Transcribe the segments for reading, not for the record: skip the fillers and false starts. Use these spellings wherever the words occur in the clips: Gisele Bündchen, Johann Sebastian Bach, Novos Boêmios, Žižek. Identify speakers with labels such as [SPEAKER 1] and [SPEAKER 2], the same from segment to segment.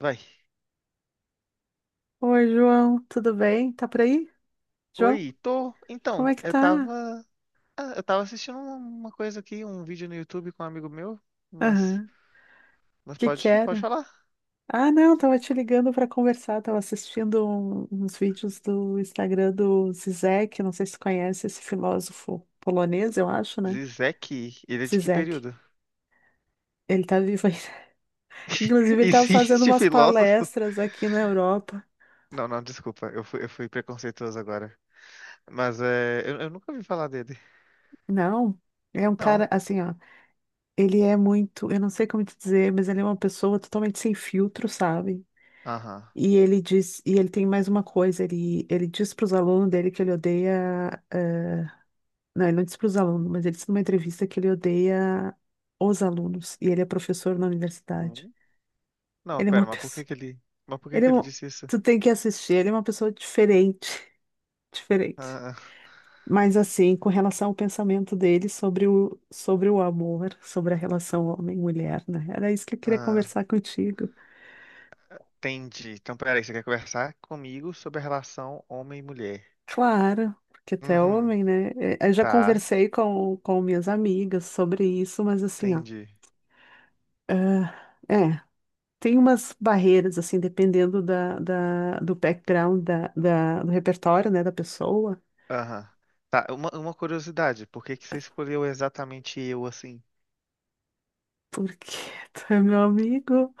[SPEAKER 1] Vai.
[SPEAKER 2] Oi, João, tudo bem? Tá por aí? João,
[SPEAKER 1] Oi, tô.
[SPEAKER 2] como é que tá?
[SPEAKER 1] Eu tava assistindo uma coisa aqui, um vídeo no YouTube com um amigo meu, mas.
[SPEAKER 2] Aham. O
[SPEAKER 1] Mas
[SPEAKER 2] que que
[SPEAKER 1] pode
[SPEAKER 2] era?
[SPEAKER 1] falar.
[SPEAKER 2] Ah, não, tava te ligando pra conversar, tava assistindo uns vídeos do Instagram do Zizek, não sei se tu conhece esse filósofo polonês, eu acho, né?
[SPEAKER 1] Zizek, ele é de que
[SPEAKER 2] Zizek.
[SPEAKER 1] período?
[SPEAKER 2] Ele tá vivo ainda. Inclusive, ele tava fazendo
[SPEAKER 1] Existe
[SPEAKER 2] umas
[SPEAKER 1] filósofo?
[SPEAKER 2] palestras aqui na Europa.
[SPEAKER 1] Não, não, desculpa, eu fui preconceituoso agora. Eu nunca ouvi falar dele.
[SPEAKER 2] Não, é um
[SPEAKER 1] Não.
[SPEAKER 2] cara assim, ó, ele é muito, eu não sei como te dizer, mas ele é uma pessoa totalmente sem filtro, sabe?
[SPEAKER 1] Aham.
[SPEAKER 2] E ele diz, e ele tem mais uma coisa, ele diz para os alunos dele que ele odeia, não, ele não diz para os alunos, mas ele disse numa entrevista que ele odeia os alunos, e ele é professor na universidade.
[SPEAKER 1] Hum? Não,
[SPEAKER 2] Ele é uma
[SPEAKER 1] pera, mas por
[SPEAKER 2] pessoa,
[SPEAKER 1] que que ele. Mas por que
[SPEAKER 2] ele é
[SPEAKER 1] que ele
[SPEAKER 2] um,
[SPEAKER 1] disse isso?
[SPEAKER 2] tu tem que assistir, ele é uma pessoa diferente, diferente.
[SPEAKER 1] Ah,
[SPEAKER 2] Mas assim, com relação ao pensamento dele sobre o amor, sobre a relação homem-mulher, né? Era isso que eu queria
[SPEAKER 1] ah, ah,
[SPEAKER 2] conversar contigo.
[SPEAKER 1] entendi. Então, peraí, você quer conversar comigo sobre a relação homem e mulher?
[SPEAKER 2] Claro, porque tu é
[SPEAKER 1] Uhum.
[SPEAKER 2] homem, né? É, eu já
[SPEAKER 1] Tá,
[SPEAKER 2] conversei com minhas amigas sobre isso, mas assim, ó,
[SPEAKER 1] entendi.
[SPEAKER 2] ah, é, tem umas barreiras, assim, dependendo do background, do repertório, né, da pessoa,
[SPEAKER 1] Aham. Tá, uma curiosidade, por que que você escolheu exatamente eu assim?
[SPEAKER 2] porque tu é meu amigo,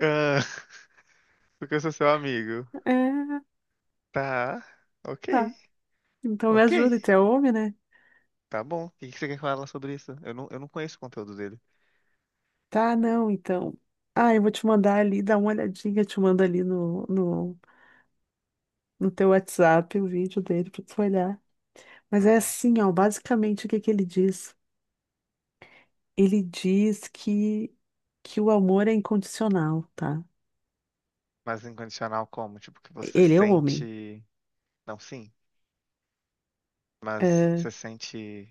[SPEAKER 1] Ah, porque eu sou seu amigo.
[SPEAKER 2] é,
[SPEAKER 1] Tá, ok,
[SPEAKER 2] tá, então me
[SPEAKER 1] ok,
[SPEAKER 2] ajuda, e tu é homem, né?
[SPEAKER 1] tá bom. O que que você quer falar sobre isso? Eu não conheço o conteúdo dele.
[SPEAKER 2] Tá, não, então, ah, eu vou te mandar ali, dá uma olhadinha, te mando ali no teu WhatsApp o vídeo dele pra tu olhar. Mas é
[SPEAKER 1] Hum.
[SPEAKER 2] assim, ó, basicamente o que que ele diz? Ele diz que o amor é incondicional, tá?
[SPEAKER 1] Mas incondicional como? Tipo, que você
[SPEAKER 2] Ele é homem.
[SPEAKER 1] sente. Não, sim, mas
[SPEAKER 2] É,
[SPEAKER 1] você sente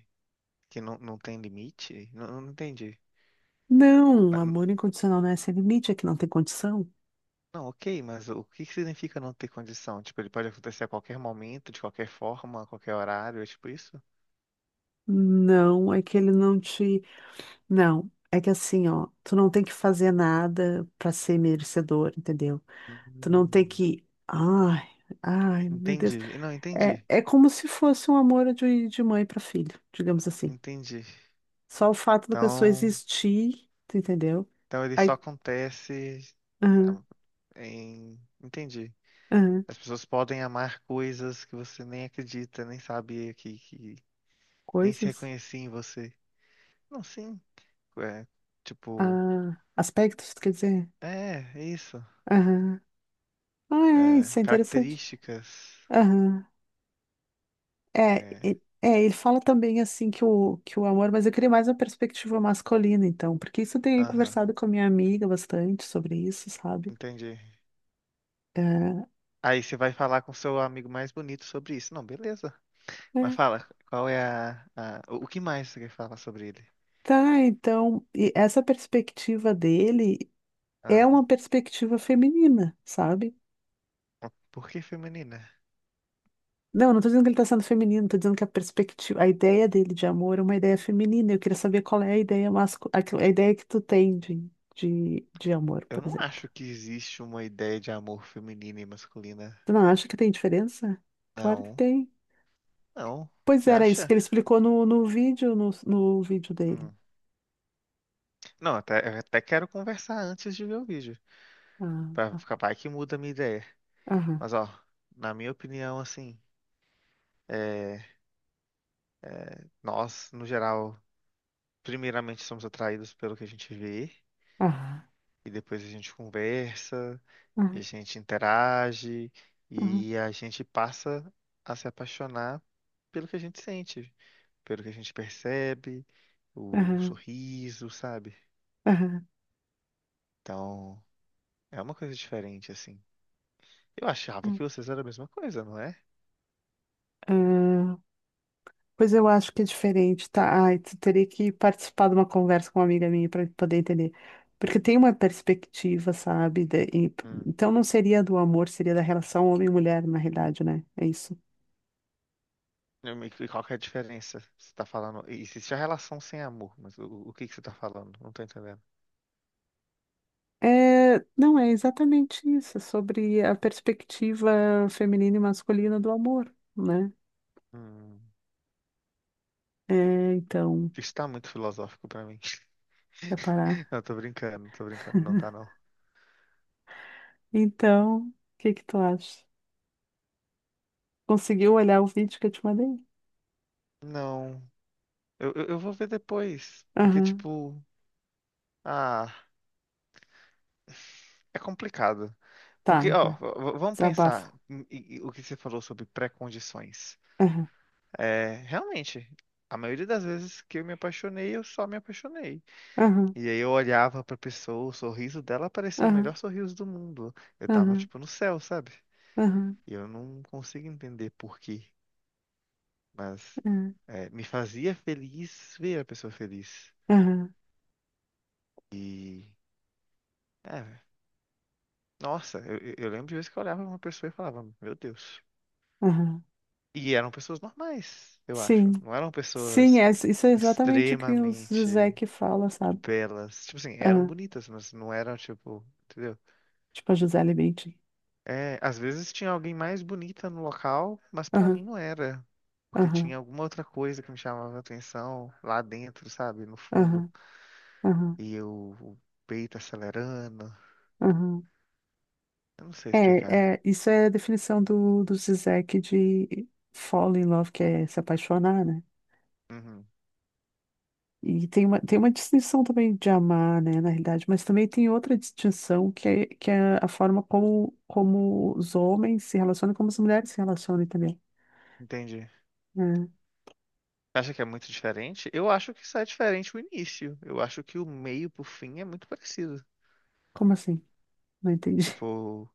[SPEAKER 1] que não tem limite? Não, não entendi.
[SPEAKER 2] não,
[SPEAKER 1] Na-
[SPEAKER 2] amor incondicional não é sem limite, é que não tem condição.
[SPEAKER 1] Não, ok, mas o que que significa não ter condição? Tipo, ele pode acontecer a qualquer momento, de qualquer forma, a qualquer horário, é tipo isso?
[SPEAKER 2] Não, é que ele não te. Não, é que assim, ó, tu não tem que fazer nada pra ser merecedor, entendeu? Tu não tem
[SPEAKER 1] Hum.
[SPEAKER 2] que. Ai, meu Deus.
[SPEAKER 1] Entendi. Não,
[SPEAKER 2] É,
[SPEAKER 1] entendi.
[SPEAKER 2] é como se fosse um amor de mãe pra filho, digamos assim.
[SPEAKER 1] Entendi.
[SPEAKER 2] Só o fato da pessoa
[SPEAKER 1] Então,
[SPEAKER 2] existir, tu entendeu?
[SPEAKER 1] então ele só
[SPEAKER 2] Aí,
[SPEAKER 1] acontece
[SPEAKER 2] aham,
[SPEAKER 1] em... Entendi.
[SPEAKER 2] aham,
[SPEAKER 1] As pessoas podem amar coisas que você nem acredita, nem sabia que nem se
[SPEAKER 2] coisas.
[SPEAKER 1] reconhecia em você. Não, sim. É, tipo,
[SPEAKER 2] Ah, aspectos, quer dizer?
[SPEAKER 1] é isso.
[SPEAKER 2] Aham. Ah, é, isso
[SPEAKER 1] É,
[SPEAKER 2] é interessante.
[SPEAKER 1] características.
[SPEAKER 2] Aham. É,
[SPEAKER 1] É,
[SPEAKER 2] é, ele fala também assim que o amor, mas eu queria mais uma perspectiva masculina, então, porque isso eu tenho
[SPEAKER 1] aham,
[SPEAKER 2] conversado com a minha amiga bastante sobre isso, sabe?
[SPEAKER 1] entendi.
[SPEAKER 2] É,
[SPEAKER 1] Aí você vai falar com seu amigo mais bonito sobre isso. Não, beleza. Mas
[SPEAKER 2] é.
[SPEAKER 1] fala, qual é o o que mais você quer falar sobre ele?
[SPEAKER 2] Tá, então, e essa perspectiva dele é
[SPEAKER 1] Ah.
[SPEAKER 2] uma perspectiva feminina, sabe?
[SPEAKER 1] Porque feminina?
[SPEAKER 2] Não, não tô dizendo que ele tá sendo feminino, tô dizendo que a perspectiva, a ideia dele de amor é uma ideia feminina. Eu queria saber qual é a ideia masculina, a ideia que tu tem de amor,
[SPEAKER 1] Eu
[SPEAKER 2] por
[SPEAKER 1] não
[SPEAKER 2] exemplo.
[SPEAKER 1] acho que existe uma ideia de amor feminina e masculina.
[SPEAKER 2] Tu não acha que tem diferença? Claro que
[SPEAKER 1] Não,
[SPEAKER 2] tem.
[SPEAKER 1] não.
[SPEAKER 2] Pois
[SPEAKER 1] Você
[SPEAKER 2] era isso que
[SPEAKER 1] acha?
[SPEAKER 2] ele explicou no vídeo, no vídeo dele.
[SPEAKER 1] Hum. Não, até, eu até quero conversar antes de ver o vídeo.
[SPEAKER 2] Ah,
[SPEAKER 1] Pra
[SPEAKER 2] ah,
[SPEAKER 1] ficar vai que muda a minha ideia.
[SPEAKER 2] aham,
[SPEAKER 1] Mas, ó, na minha opinião, assim, é, nós, no geral, primeiramente somos atraídos pelo que a gente vê,
[SPEAKER 2] aham,
[SPEAKER 1] e depois a gente conversa, e a
[SPEAKER 2] aham,
[SPEAKER 1] gente interage,
[SPEAKER 2] aham,
[SPEAKER 1] e a gente passa a se apaixonar pelo que a gente sente, pelo que a gente percebe, o
[SPEAKER 2] aham,
[SPEAKER 1] sorriso, sabe?
[SPEAKER 2] aham,
[SPEAKER 1] Então, é uma coisa diferente, assim. Eu achava que vocês eram a mesma coisa, não é?
[SPEAKER 2] aham. Pois eu acho que é diferente, tá? Ai, tu teria que participar de uma conversa com uma amiga minha para poder entender. Porque tem uma perspectiva, sabe?
[SPEAKER 1] Hum.
[SPEAKER 2] Então não seria do amor, seria da relação homem-mulher, e mulher, na realidade, né? É isso.
[SPEAKER 1] E qual que é a diferença? Você tá falando. Existe a relação sem amor, mas o que que você tá falando? Não tô entendendo.
[SPEAKER 2] É, não, é exatamente isso, é sobre a perspectiva feminina e masculina do amor, né?
[SPEAKER 1] Hum.
[SPEAKER 2] É, então,
[SPEAKER 1] Isso tá muito filosófico pra mim.
[SPEAKER 2] quer parar?
[SPEAKER 1] Não, tô brincando, não tá não.
[SPEAKER 2] Então, o que que tu acha? Conseguiu olhar o vídeo que eu te mandei?
[SPEAKER 1] Não. Eu vou ver depois. Porque,
[SPEAKER 2] Aham.
[SPEAKER 1] tipo, ah, é complicado.
[SPEAKER 2] Tá,
[SPEAKER 1] Porque, ó,
[SPEAKER 2] vai,
[SPEAKER 1] vamos
[SPEAKER 2] desabafa.
[SPEAKER 1] pensar em o que você falou sobre pré-condições.
[SPEAKER 2] Aham,
[SPEAKER 1] É, realmente, a maioria das vezes que eu me apaixonei, eu só me apaixonei.
[SPEAKER 2] aham,
[SPEAKER 1] E aí eu olhava pra pessoa, o sorriso dela parecia o
[SPEAKER 2] aham.
[SPEAKER 1] melhor sorriso do mundo. Eu tava,
[SPEAKER 2] Aham,
[SPEAKER 1] tipo, no céu, sabe?
[SPEAKER 2] aham,
[SPEAKER 1] E eu não consigo entender por quê, mas
[SPEAKER 2] aham,
[SPEAKER 1] é, me fazia feliz ver a pessoa feliz.
[SPEAKER 2] aham,
[SPEAKER 1] E, é, nossa, eu, eu lembro de vezes que eu olhava pra uma pessoa e falava, meu Deus.
[SPEAKER 2] aham.
[SPEAKER 1] E eram pessoas normais, eu
[SPEAKER 2] Sim,
[SPEAKER 1] acho. Não eram
[SPEAKER 2] sim,
[SPEAKER 1] pessoas
[SPEAKER 2] é, isso é exatamente o que o
[SPEAKER 1] extremamente
[SPEAKER 2] Zizek fala, sabe?
[SPEAKER 1] belas. Tipo assim, eram
[SPEAKER 2] Aham.
[SPEAKER 1] bonitas, mas não eram tipo, entendeu?
[SPEAKER 2] Tipo a Gisele Bündchen.
[SPEAKER 1] É, às vezes tinha alguém mais bonita no local, mas pra mim
[SPEAKER 2] Aham,
[SPEAKER 1] não era. Porque
[SPEAKER 2] aham,
[SPEAKER 1] tinha alguma outra coisa que me chamava a atenção lá dentro, sabe? No fundo.
[SPEAKER 2] aham, aham,
[SPEAKER 1] E eu, o peito acelerando.
[SPEAKER 2] aham.
[SPEAKER 1] Eu não sei explicar.
[SPEAKER 2] É, é, isso é a definição do Zizek de fall in love, que é se apaixonar, né?
[SPEAKER 1] Uhum,
[SPEAKER 2] E tem uma distinção também de amar, né, na realidade, mas também tem outra distinção que é a forma como, como os homens se relacionam e como as mulheres se relacionam também,
[SPEAKER 1] entendi.
[SPEAKER 2] né?
[SPEAKER 1] Acha que é muito diferente? Eu acho que só é diferente o início. Eu acho que o meio pro fim é muito parecido.
[SPEAKER 2] Como assim? Não entendi.
[SPEAKER 1] Tipo,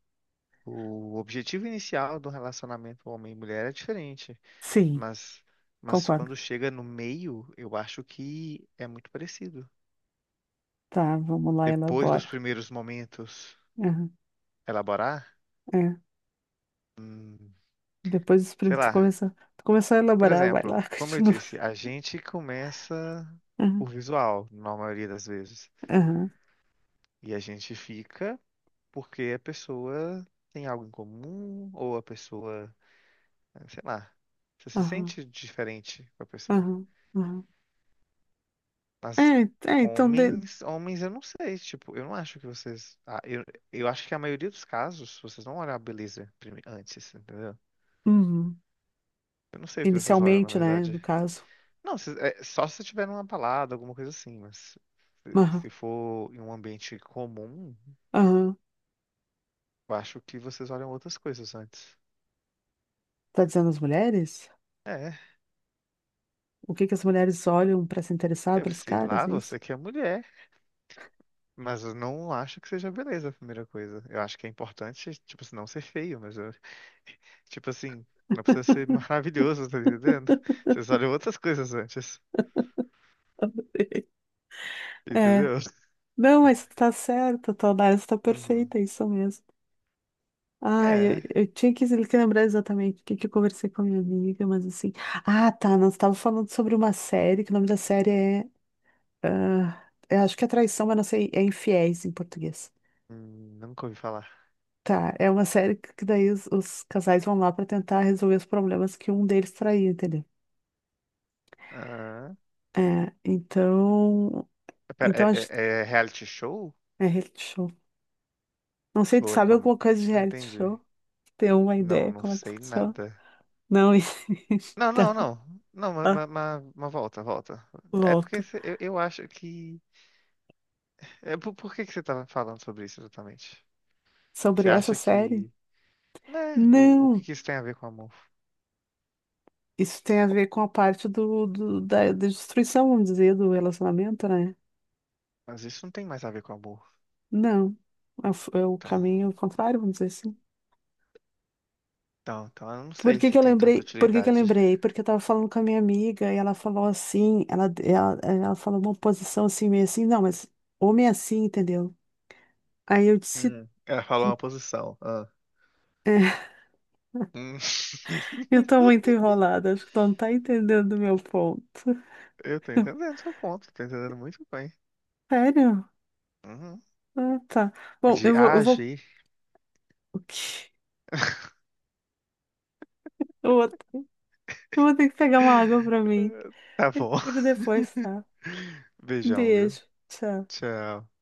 [SPEAKER 1] o objetivo inicial do relacionamento homem e mulher é diferente,
[SPEAKER 2] Sim,
[SPEAKER 1] mas, mas
[SPEAKER 2] concordo.
[SPEAKER 1] quando chega no meio, eu acho que é muito parecido.
[SPEAKER 2] Tá, vamos lá,
[SPEAKER 1] Depois dos
[SPEAKER 2] elabora.
[SPEAKER 1] primeiros momentos,
[SPEAKER 2] Aham,
[SPEAKER 1] elaborar,
[SPEAKER 2] é.
[SPEAKER 1] hum,
[SPEAKER 2] Depois
[SPEAKER 1] sei
[SPEAKER 2] tu
[SPEAKER 1] lá.
[SPEAKER 2] começar, tu começou a
[SPEAKER 1] Por
[SPEAKER 2] elaborar, vai lá,
[SPEAKER 1] exemplo, como eu
[SPEAKER 2] continua.
[SPEAKER 1] disse, a gente começa
[SPEAKER 2] Aham,
[SPEAKER 1] por visual, na maioria das vezes,
[SPEAKER 2] aham,
[SPEAKER 1] e a gente fica porque a pessoa tem algo em comum ou a pessoa, sei lá, você se
[SPEAKER 2] aham,
[SPEAKER 1] sente diferente com a pessoa.
[SPEAKER 2] aham, aham. É,
[SPEAKER 1] Mas
[SPEAKER 2] é, então,
[SPEAKER 1] homens, eu não sei, tipo, eu não acho que vocês. Eu acho que a maioria dos casos, vocês não olham a beleza antes, entendeu?
[SPEAKER 2] uhum.
[SPEAKER 1] Eu não sei o que vocês olham, na
[SPEAKER 2] Inicialmente, né,
[SPEAKER 1] verdade.
[SPEAKER 2] no caso.
[SPEAKER 1] Não, é, só se tiver numa balada, alguma coisa assim, mas
[SPEAKER 2] Aham,
[SPEAKER 1] se for em um ambiente comum,
[SPEAKER 2] aham.
[SPEAKER 1] eu acho que vocês olham outras coisas antes.
[SPEAKER 2] Tá dizendo as mulheres?
[SPEAKER 1] É,
[SPEAKER 2] O que que as mulheres olham para se interessar
[SPEAKER 1] eu
[SPEAKER 2] pelos
[SPEAKER 1] sei
[SPEAKER 2] caras,
[SPEAKER 1] lá,
[SPEAKER 2] é isso?
[SPEAKER 1] você que é mulher, mas eu não acho que seja beleza a primeira coisa. Eu acho que é importante, tipo, assim, não ser feio, mas eu tipo assim, não precisa ser maravilhoso, tá entendendo? Vocês olham outras coisas antes,
[SPEAKER 2] É.
[SPEAKER 1] entendeu?
[SPEAKER 2] Não, mas tá certo, tua análise tá
[SPEAKER 1] Uhum.
[SPEAKER 2] perfeita, é isso mesmo. Ah,
[SPEAKER 1] É,
[SPEAKER 2] eu tinha que lembrar exatamente o que, que eu conversei com a minha amiga, mas assim. Ah, tá. Nós estávamos falando sobre uma série, que o nome da série é. Ah, eu acho que é Traição, mas não sei. É Infiéis em português.
[SPEAKER 1] nunca ouvi falar.
[SPEAKER 2] Tá. É uma série que daí os casais vão lá para tentar resolver os problemas que um deles traiu, entendeu?
[SPEAKER 1] Ah,
[SPEAKER 2] É, então.
[SPEAKER 1] pera,
[SPEAKER 2] Então
[SPEAKER 1] é,
[SPEAKER 2] a gente.
[SPEAKER 1] é reality show?
[SPEAKER 2] É reality show. Não sei, tu
[SPEAKER 1] Ou é
[SPEAKER 2] sabe
[SPEAKER 1] como...
[SPEAKER 2] alguma coisa de reality
[SPEAKER 1] Entendi.
[SPEAKER 2] show? Tem uma
[SPEAKER 1] Não,
[SPEAKER 2] ideia
[SPEAKER 1] não
[SPEAKER 2] como é que
[SPEAKER 1] sei
[SPEAKER 2] funciona?
[SPEAKER 1] nada.
[SPEAKER 2] Não,
[SPEAKER 1] Não, não,
[SPEAKER 2] então.
[SPEAKER 1] não. Não, mas,
[SPEAKER 2] Ah,
[SPEAKER 1] mas volta, volta. É porque
[SPEAKER 2] volto.
[SPEAKER 1] eu acho que... É, por que que você tava falando sobre isso exatamente? Você
[SPEAKER 2] Sobre essa
[SPEAKER 1] acha
[SPEAKER 2] série.
[SPEAKER 1] que... Né, o que
[SPEAKER 2] Não,
[SPEAKER 1] que isso tem a ver com amor?
[SPEAKER 2] isso tem a ver com a parte da destruição, vamos dizer, do relacionamento, né?
[SPEAKER 1] Mas isso não tem mais a ver com amor.
[SPEAKER 2] Não, é o, é o
[SPEAKER 1] Então...
[SPEAKER 2] caminho contrário, vamos dizer assim.
[SPEAKER 1] Então eu não
[SPEAKER 2] Por
[SPEAKER 1] sei
[SPEAKER 2] que
[SPEAKER 1] se
[SPEAKER 2] que eu
[SPEAKER 1] tem tanta
[SPEAKER 2] lembrei? Por que que eu
[SPEAKER 1] utilidade.
[SPEAKER 2] lembrei? Porque eu tava falando com a minha amiga e ela falou assim, ela falou uma posição assim, meio assim, não, mas homem é assim, entendeu? Aí eu disse,
[SPEAKER 1] Ela falou uma posição. Ah. Hum.
[SPEAKER 2] eu tô muito enrolada, acho que tu não tá entendendo o meu ponto.
[SPEAKER 1] Eu tô entendendo seu ponto, tô entendendo muito bem.
[SPEAKER 2] Sério?
[SPEAKER 1] Uhum.
[SPEAKER 2] Ah, tá. Bom,
[SPEAKER 1] De agir.
[SPEAKER 2] eu vou, eu vou ter que pegar uma água pra mim.
[SPEAKER 1] Tá
[SPEAKER 2] Eu te
[SPEAKER 1] bom.
[SPEAKER 2] digo depois, tá?
[SPEAKER 1] Beijão, viu?
[SPEAKER 2] Beijo. Tchau.
[SPEAKER 1] Tchau.